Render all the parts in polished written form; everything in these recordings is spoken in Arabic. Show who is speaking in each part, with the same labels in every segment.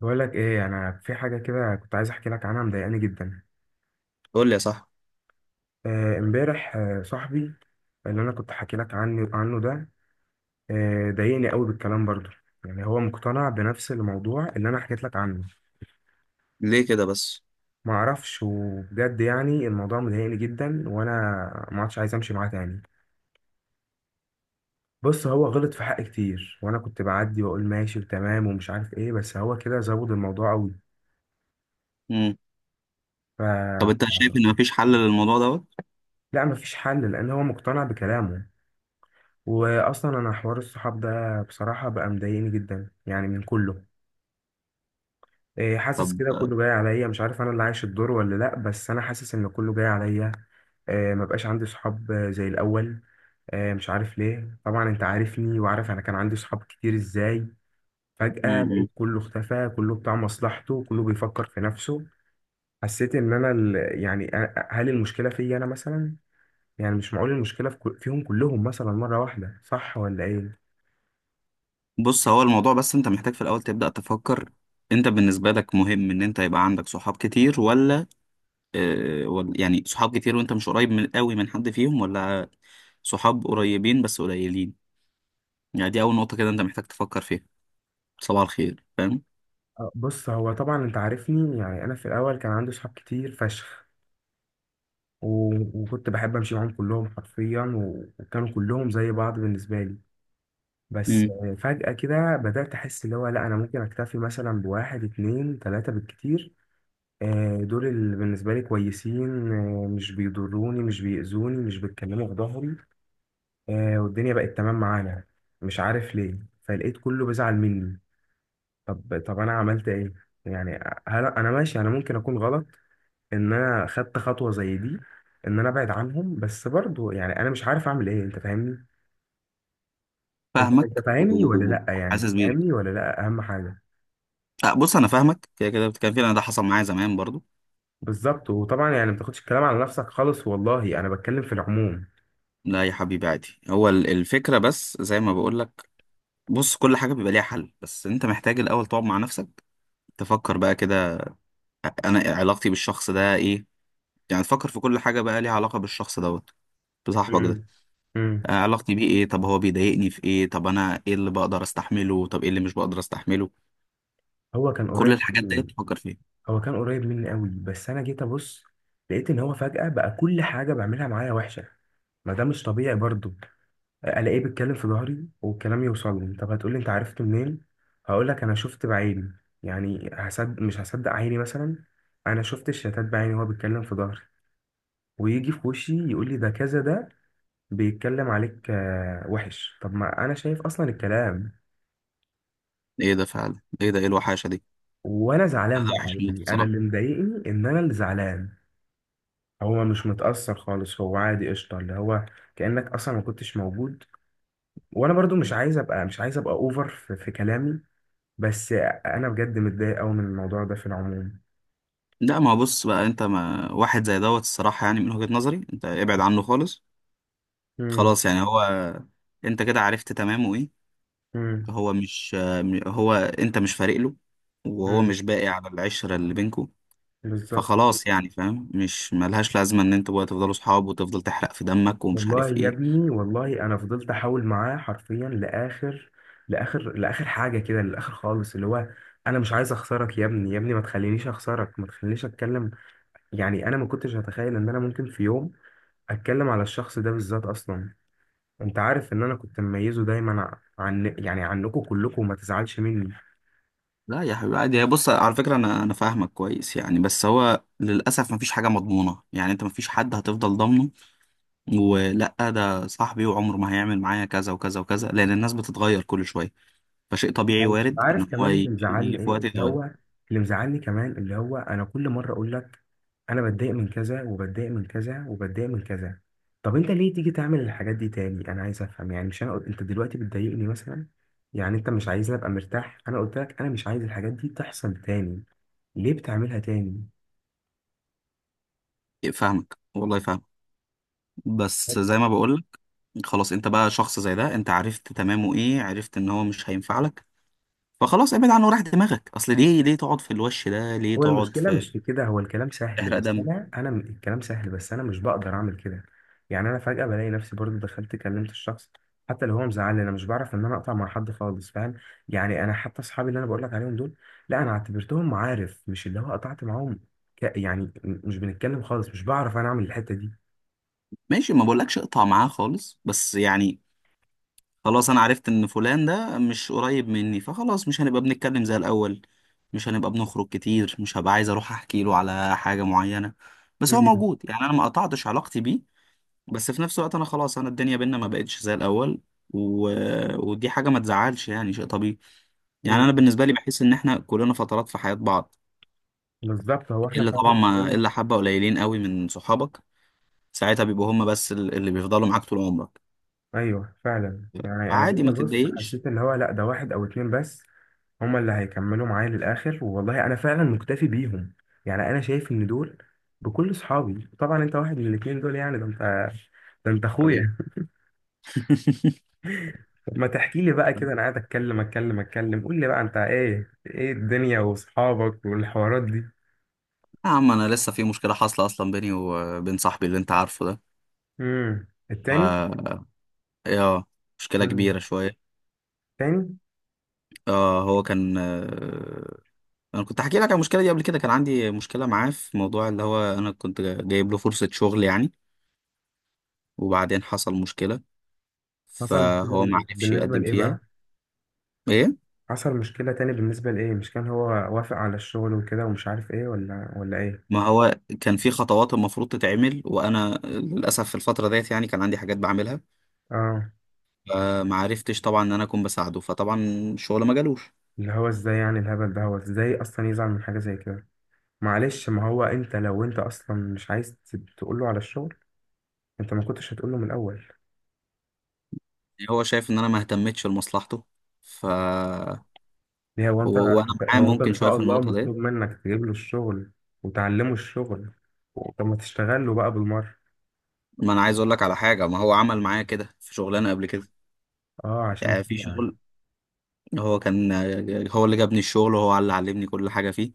Speaker 1: بقول لك ايه، انا في حاجه كده كنت عايز احكي لك عنها، مضايقاني جدا.
Speaker 2: قول لي يا صاحبي.
Speaker 1: آه، امبارح. آه، صاحبي اللي انا كنت حكي لك عنه ده. آه، ضايقني قوي بالكلام برضه. يعني هو مقتنع بنفس الموضوع اللي انا حكيت لك عنه.
Speaker 2: ليه كده بس؟
Speaker 1: ما اعرفش، وبجد يعني الموضوع مضايقني جدا، وانا ما عادش عايز امشي معاه تاني. بص، هو غلط في حقي كتير، وانا كنت بعدي واقول ماشي وتمام ومش عارف ايه، بس هو كده زود الموضوع قوي.
Speaker 2: امم
Speaker 1: ف...
Speaker 2: طب انت
Speaker 1: ف...
Speaker 2: شايف ان مفيش حل للموضوع دوت؟
Speaker 1: لا، مفيش حل لان هو مقتنع بكلامه. واصلا انا حوار الصحاب ده بصراحه بقى مضايقني جدا يعني من كله. إيه، حاسس
Speaker 2: طب
Speaker 1: كده كله جاي عليا، مش عارف انا اللي عايش الدور ولا لا، بس انا حاسس ان كله جاي عليا. آه، ما بقاش عندي صحاب آه، زي الاول. آه، مش عارف ليه، طبعا انت عارفني وعارف انا كان عندي صحاب كتير ازاي. فجأة
Speaker 2: امم
Speaker 1: لقيت كله اختفى، كله بتاع مصلحته، كله بيفكر في نفسه. حسيت ان انا هل المشكلة فيا انا مثلا؟ يعني مش معقول المشكلة في فيهم كلهم مثلا مرة واحدة، صح ولا ايه؟
Speaker 2: بص، هو الموضوع بس انت محتاج في الاول تبدأ تفكر. انت بالنسبة لك مهم ان انت يبقى عندك صحاب كتير، ولا اه، يعني صحاب كتير وانت مش قريب من قوي من حد فيهم، ولا صحاب قريبين بس قليلين؟ يعني دي اول نقطة كده انت محتاج تفكر فيها. صباح الخير فاهم.
Speaker 1: آه، بص، هو طبعا انت عارفني، يعني انا في الاول كان عندي صحاب كتير فشخ، وكنت بحب امشي معاهم كلهم حرفيا، وكانوا كلهم زي بعض بالنسبه لي. بس
Speaker 2: امم
Speaker 1: آه، فجاه كده بدات احس اللي هو لا، انا ممكن اكتفي مثلا بواحد اتنين تلاته بالكتير. آه، دول اللي بالنسبه لي كويسين، آه، مش بيضروني، مش بيأذوني، مش بيتكلموا في ظهري. آه، والدنيا بقت تمام معانا. مش عارف ليه، فلقيت كله بيزعل مني. طب انا عملت ايه؟ يعني هل انا ماشي؟ انا ممكن اكون غلط ان انا خدت خطوه زي دي، ان انا ابعد عنهم، بس برضو يعني انا مش عارف اعمل ايه، انت فاهمني؟ انت
Speaker 2: فاهمك
Speaker 1: فاهمني ولا لا؟ يعني
Speaker 2: وحاسس بيك.
Speaker 1: فاهمني ولا لا، اهم حاجه.
Speaker 2: اه، بص، انا فاهمك، كده كده بتتكلم فيه. انا ده حصل معايا زمان برضو.
Speaker 1: بالظبط، وطبعا يعني ما تاخدش الكلام على نفسك خالص، والله انا بتكلم في العموم.
Speaker 2: لا يا حبيبي، عادي. هو الفكرة بس زي ما بقولك. بص، كل حاجة بيبقى ليها حل، بس انت محتاج الأول تقعد مع نفسك، تفكر بقى كده. أنا علاقتي بالشخص ده إيه؟ يعني تفكر في كل حاجة بقى ليها علاقة بالشخص دوت، بصاحبك ده.
Speaker 1: مم. مم.
Speaker 2: علاقتي بيه إيه؟ طب هو بيضايقني في إيه؟ طب أنا إيه اللي بقدر أستحمله؟ طب إيه اللي مش بقدر أستحمله؟
Speaker 1: هو كان
Speaker 2: كل
Speaker 1: قريب
Speaker 2: الحاجات دي
Speaker 1: مني-
Speaker 2: تفكر فيها.
Speaker 1: هو كان قريب مني قوي، بس انا جيت ابص لقيت ان هو فجأة بقى كل حاجة بعملها معايا وحشة. ما ده مش طبيعي برضو. الاقيه بيتكلم في ظهري والكلام يوصل لي. طب هتقولي انت عرفت منين؟ هقول لك انا شفت بعيني. يعني هصدق مش هصدق عيني مثلا؟ انا شفت الشتات بعيني وهو بيتكلم في ظهري، ويجي في وشي يقول لي ده كذا، ده بيتكلم عليك آه، وحش. طب ما انا شايف اصلا الكلام،
Speaker 2: إيه ده فعلا؟ إيه ده؟ إيه الوحاشة دي؟
Speaker 1: وانا زعلان
Speaker 2: أنا
Speaker 1: بقى،
Speaker 2: وحش موت
Speaker 1: يعني انا
Speaker 2: بصراحة.
Speaker 1: اللي مضايقني ان انا اللي زعلان، هو مش متأثر خالص، هو عادي قشطة اللي هو كأنك أصلا ما كنتش موجود. وأنا برضو مش عايز أبقى، مش عايز أبقى أوفر في كلامي، بس انا بجد متضايق قوي من الموضوع ده في العموم.
Speaker 2: لا، ما هو بص بقى، أنت ما واحد زي دوت، الصراحة يعني من وجهة نظري أنت ابعد عنه خالص.
Speaker 1: امم.
Speaker 2: خلاص يعني هو، انت كده عرفت تمامه ايه.
Speaker 1: امم.
Speaker 2: هو مش هو انت مش فارق له، وهو
Speaker 1: امم.
Speaker 2: مش باقي على العشرة اللي بينكوا.
Speaker 1: بالظبط.
Speaker 2: فخلاص يعني فاهم، مش ملهاش لازمة ان انتوا بقى تفضلوا صحاب وتفضل تحرق في دمك ومش
Speaker 1: والله
Speaker 2: عارف
Speaker 1: يا
Speaker 2: ايه.
Speaker 1: ابني، والله انا فضلت احاول معاه حرفيا لاخر لاخر لاخر حاجه كده، للاخر خالص، اللي هو انا مش عايز اخسرك يا ابني، يا ابني ما تخلينيش اخسرك، ما تخلينيش اتكلم. يعني انا ما كنتش هتخيل ان انا ممكن في يوم اتكلم على الشخص ده بالذات اصلا. انت عارف ان انا كنت مميزه دايما عن يعني عنكم كلكم، وما تزعلش مني.
Speaker 2: لا يا حبيبي، عادي. هي، بص، على فكرة، انا فاهمك كويس يعني، بس هو للأسف مفيش حاجة مضمونة يعني. انت مفيش حد هتفضل ضامنه، ولا ده صاحبي وعمره ما هيعمل معايا كذا وكذا وكذا، لأن الناس بتتغير كل شوية. فشيء طبيعي،
Speaker 1: يعني
Speaker 2: وارد
Speaker 1: عارف
Speaker 2: ان هو
Speaker 1: كمان اللي مزعلني
Speaker 2: يجي في
Speaker 1: ايه؟
Speaker 2: وقت
Speaker 1: اللي
Speaker 2: يتغير.
Speaker 1: هو اللي مزعلني كمان اللي هو انا كل مره اقول لك انا بتضايق من كذا، وبتضايق من كذا، وبتضايق من كذا. طب انت ليه تيجي تعمل الحاجات دي تاني؟ انا عايز افهم، يعني مش انا انت دلوقتي بتضايقني مثلا. يعني انت مش عايزني ابقى مرتاح؟ انا قلت لك انا مش عايز الحاجات دي تحصل تاني، ليه بتعملها تاني؟
Speaker 2: فاهمك والله، فاهمك. بس زي ما بقولك، خلاص، انت بقى شخص زي ده، انت عرفت تمامه ايه، عرفت ان هو مش هينفع لك. فخلاص ابعد عنه وراح دماغك. اصل ليه تقعد في الوش ده؟ ليه
Speaker 1: هو
Speaker 2: تقعد
Speaker 1: المشكلة
Speaker 2: في
Speaker 1: مش في كده، هو الكلام سهل
Speaker 2: تحرق
Speaker 1: بس
Speaker 2: دم؟
Speaker 1: أنا الكلام سهل بس أنا مش بقدر أعمل كده. يعني أنا فجأة بلاقي نفسي برضو دخلت كلمت الشخص. حتى لو هو مزعلني أنا مش بعرف إن أنا أقطع مع حد خالص، فاهم. يعني أنا حتى أصحابي اللي أنا بقول لك عليهم دول، لا أنا اعتبرتهم معارف، مش اللي هو قطعت معاهم. مش بنتكلم خالص، مش بعرف أنا أعمل الحتة دي.
Speaker 2: ماشي، ما بقولكش اقطع معاه خالص، بس يعني خلاص انا عرفت ان فلان ده مش قريب مني، فخلاص مش هنبقى بنتكلم زي الاول، مش هنبقى بنخرج كتير، مش هبقى عايز اروح احكي له على حاجة معينة، بس هو
Speaker 1: مم.
Speaker 2: موجود. يعني انا ما قطعتش علاقتي بيه، بس في نفس الوقت انا خلاص، انا الدنيا بينا ما بقتش زي الاول. و... ودي حاجه ما تزعلش، يعني شيء طبيعي. يعني انا
Speaker 1: مم.
Speaker 2: بالنسبه لي بحس ان احنا كلنا فترات في حياه بعض.
Speaker 1: بالظبط، هو إحنا
Speaker 2: الا طبعا،
Speaker 1: فعلا.
Speaker 2: ما الا حبه قليلين قوي من صحابك، ساعتها بيبقوا هم بس اللي بيفضلوا معاك طول عمرك.
Speaker 1: ايوه فعلا، يعني انا
Speaker 2: عادي،
Speaker 1: جيت
Speaker 2: ما
Speaker 1: ابص
Speaker 2: تتضايقش.
Speaker 1: حسيت اللي هو لا، ده واحد او اتنين بس هما اللي هيكملوا معايا للاخر، والله انا فعلا مكتفي بيهم. يعني انا شايف ان دول بكل صحابي، طبعا انت واحد من الاتنين دول، يعني ده انت، ده انت
Speaker 2: حبيبي.
Speaker 1: اخويا. طب ما تحكي لي بقى كده، انا قاعد اتكلم اتكلم اتكلم، قول لي بقى انت ايه، ايه الدنيا واصحابك والحوارات دي.
Speaker 2: يا عم، انا لسه في مشكله حاصله اصلا بيني وبين صاحبي اللي انت عارفه ده.
Speaker 1: امم.
Speaker 2: ف...
Speaker 1: التاني.
Speaker 2: يا مشكله
Speaker 1: امم.
Speaker 2: كبيره شويه.
Speaker 1: التاني.
Speaker 2: اه، هو كان انا كنت حكي لك على المشكله دي قبل كده. كان عندي مشكله معاه في موضوع اللي هو انا كنت جايب له فرصه شغل يعني، وبعدين حصل مشكله
Speaker 1: مثلا.
Speaker 2: فهو ما عرفش
Speaker 1: بالنسبه
Speaker 2: يقدم
Speaker 1: لايه
Speaker 2: فيها.
Speaker 1: بقى؟
Speaker 2: ايه،
Speaker 1: حصل مشكلة تاني بالنسبة لإيه؟ مش كان هو وافق على الشغل وكده ومش عارف إيه ولا إيه؟
Speaker 2: ما هو كان في خطوات المفروض تتعمل، وانا للاسف في الفتره ديت يعني كان عندي حاجات بعملها،
Speaker 1: آه.
Speaker 2: فما عرفتش طبعا ان انا اكون بساعده. فطبعا الشغل ما جالوش.
Speaker 1: اللي هو إزاي يعني الهبل ده، هو إزاي أصلا يزعل من حاجة زي كده؟ معلش، ما هو أنت لو أنت أصلا مش عايز تقول له على الشغل، أنت ما كنتش هتقول له من الأول.
Speaker 2: هو شايف ان انا ما اهتمتش لمصلحته. ف
Speaker 1: ليه هو أنت،
Speaker 2: وانا معاه
Speaker 1: هو أنت إن
Speaker 2: ممكن شويه
Speaker 1: شاء
Speaker 2: في
Speaker 1: الله
Speaker 2: النقطه ديت.
Speaker 1: مطلوب منك تجيب له الشغل وتعلمه الشغل؟ طب ما تشتغل له بقى بالمرة.
Speaker 2: ما انا عايز اقول لك على حاجه، ما هو عمل معايا كده في شغلانه قبل كده.
Speaker 1: آه، عشان
Speaker 2: يعني في
Speaker 1: كده.
Speaker 2: شغل، هو كان هو اللي جابني الشغل، وهو اللي علمني كل حاجة فيه.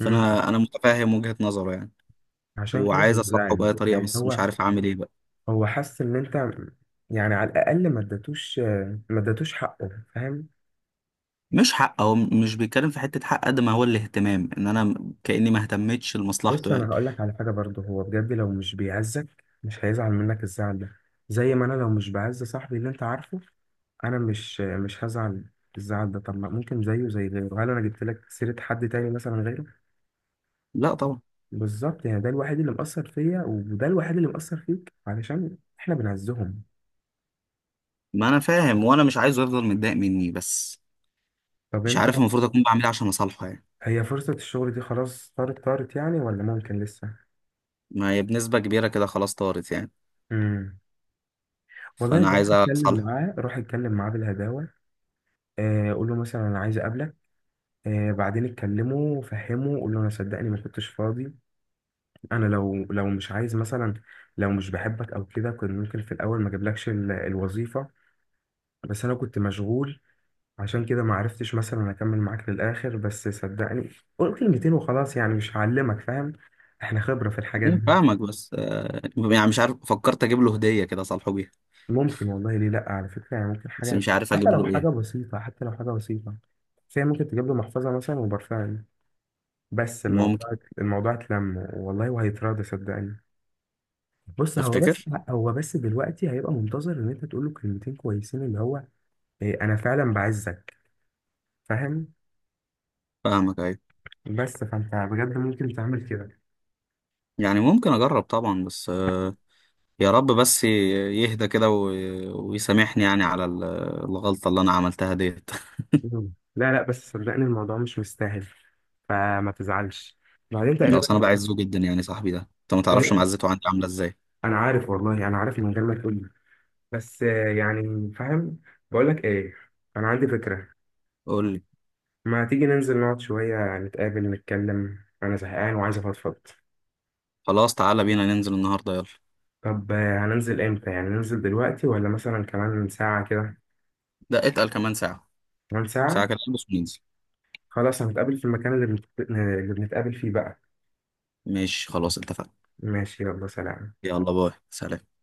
Speaker 1: مم.
Speaker 2: أنا متفاهم وجهة نظره يعني،
Speaker 1: عشان كده
Speaker 2: وعايز
Speaker 1: هو
Speaker 2: أصلحه
Speaker 1: زعل
Speaker 2: بأي طريقة،
Speaker 1: يعني.
Speaker 2: بس مش
Speaker 1: هو
Speaker 2: عارف أعمل إيه بقى.
Speaker 1: حس ان انت، يعني على الاقل ما اديتوش، ما اديتوش حقه، فاهم؟
Speaker 2: مش حق، هو مش بيتكلم في حتة حق قد ما هو الاهتمام، إن أنا كأني ما اهتمتش لمصلحته
Speaker 1: بص انا
Speaker 2: يعني.
Speaker 1: هقول لك على حاجه برضه، هو بجد لو مش بيعزك مش هيزعل منك الزعل ده. زي ما انا لو مش بعز صاحبي اللي انت عارفه، انا مش هزعل الزعل ده. طب ما ممكن زيه زي غيره، هل انا جبت لك سيره حد تاني مثلا غيره؟
Speaker 2: لا طبعا،
Speaker 1: بالظبط، يعني ده الوحيد اللي مأثر فيا، وده الوحيد اللي مأثر فيك، علشان احنا بنعزهم.
Speaker 2: ما أنا فاهم، وأنا مش عايزه يفضل متضايق مني، بس
Speaker 1: طب
Speaker 2: مش
Speaker 1: انت،
Speaker 2: عارف المفروض أكون بعمل إيه عشان أصالحه يعني.
Speaker 1: هي فرصه الشغل دي خلاص طارت طارت يعني، ولا ممكن لسه؟
Speaker 2: ما هي بنسبة كبيرة كده خلاص طارت يعني،
Speaker 1: والله
Speaker 2: فأنا
Speaker 1: بروح
Speaker 2: عايز
Speaker 1: اتكلم
Speaker 2: أصالحه.
Speaker 1: معاه، روح اتكلم معاه بالهداوه. آه، قول له مثلا انا عايز اقابلك. آه، بعدين اتكلمه وفهمه، قول له انا صدقني ما كنتش فاضي. انا لو مش عايز مثلا، لو مش بحبك او كده، كنت ممكن في الاول ما اجيبلكش الوظيفه. بس انا كنت مشغول، عشان كده ما عرفتش مثلا اكمل معاك للاخر، بس صدقني قول كلمتين وخلاص يعني، مش هعلمك، فاهم؟ احنا خبره في الحاجات
Speaker 2: يعني
Speaker 1: دي.
Speaker 2: فاهمك، بس يعني مش عارف. فكرت أجيب له هدية كده أصالحه بيها،
Speaker 1: ممكن والله، ليه لا، على فكرة يعني ممكن
Speaker 2: بس
Speaker 1: حاجة،
Speaker 2: مش عارف
Speaker 1: حتى
Speaker 2: أجيب
Speaker 1: لو حاجة
Speaker 2: له
Speaker 1: بسيطة، حتى لو حاجة بسيطة، فهي ممكن تجيب له محفظة مثلا وبرفان، بس
Speaker 2: إيه،
Speaker 1: الموضوع، الموضوع اتلم والله وهيتراضى صدقني. بص هو بس
Speaker 2: تفتكر؟
Speaker 1: هو بس دلوقتي هيبقى منتظر ان انت تقول له كلمتين كويسين اللي هو إيه، انا فعلا بعزك، فاهم؟
Speaker 2: فاهمك، ايوه.
Speaker 1: بس فانت بجد ممكن تعمل كده.
Speaker 2: يعني ممكن اجرب طبعا، بس يا رب بس يهدى كده ويسامحني يعني على الغلطة اللي انا عملتها ديت.
Speaker 1: مم. لا لا، بس صدقني الموضوع مش مستاهل، فما تزعلش بعدين تقريبا.
Speaker 2: اصل انا بعزه جدا يعني، صاحبي ده انت ما تعرفش
Speaker 1: إيه،
Speaker 2: معزته عندي عاملة ازاي.
Speaker 1: انا عارف، والله انا عارف من غير ما تقول، بس آه، يعني فاهم. بقول لك ايه، انا عندي فكرة.
Speaker 2: قول لي.
Speaker 1: ما تيجي ننزل نقعد شوية، يعني نتقابل نتكلم، انا زهقان وعايز افضفض.
Speaker 2: خلاص، تعالى بينا ننزل النهاردة يلا.
Speaker 1: طب آه، هننزل امتى؟ يعني ننزل دلوقتي ولا مثلا كمان ساعة كده؟
Speaker 2: ده اتقل كمان ساعة.
Speaker 1: كمان
Speaker 2: ساعة
Speaker 1: ساعة.
Speaker 2: كده نلبس وننزل.
Speaker 1: خلاص هنتقابل في المكان اللي اللي بنتقابل فيه بقى.
Speaker 2: ماشي، خلاص اتفقنا.
Speaker 1: ماشي، يلا سلام.
Speaker 2: يلا، باي، سلام.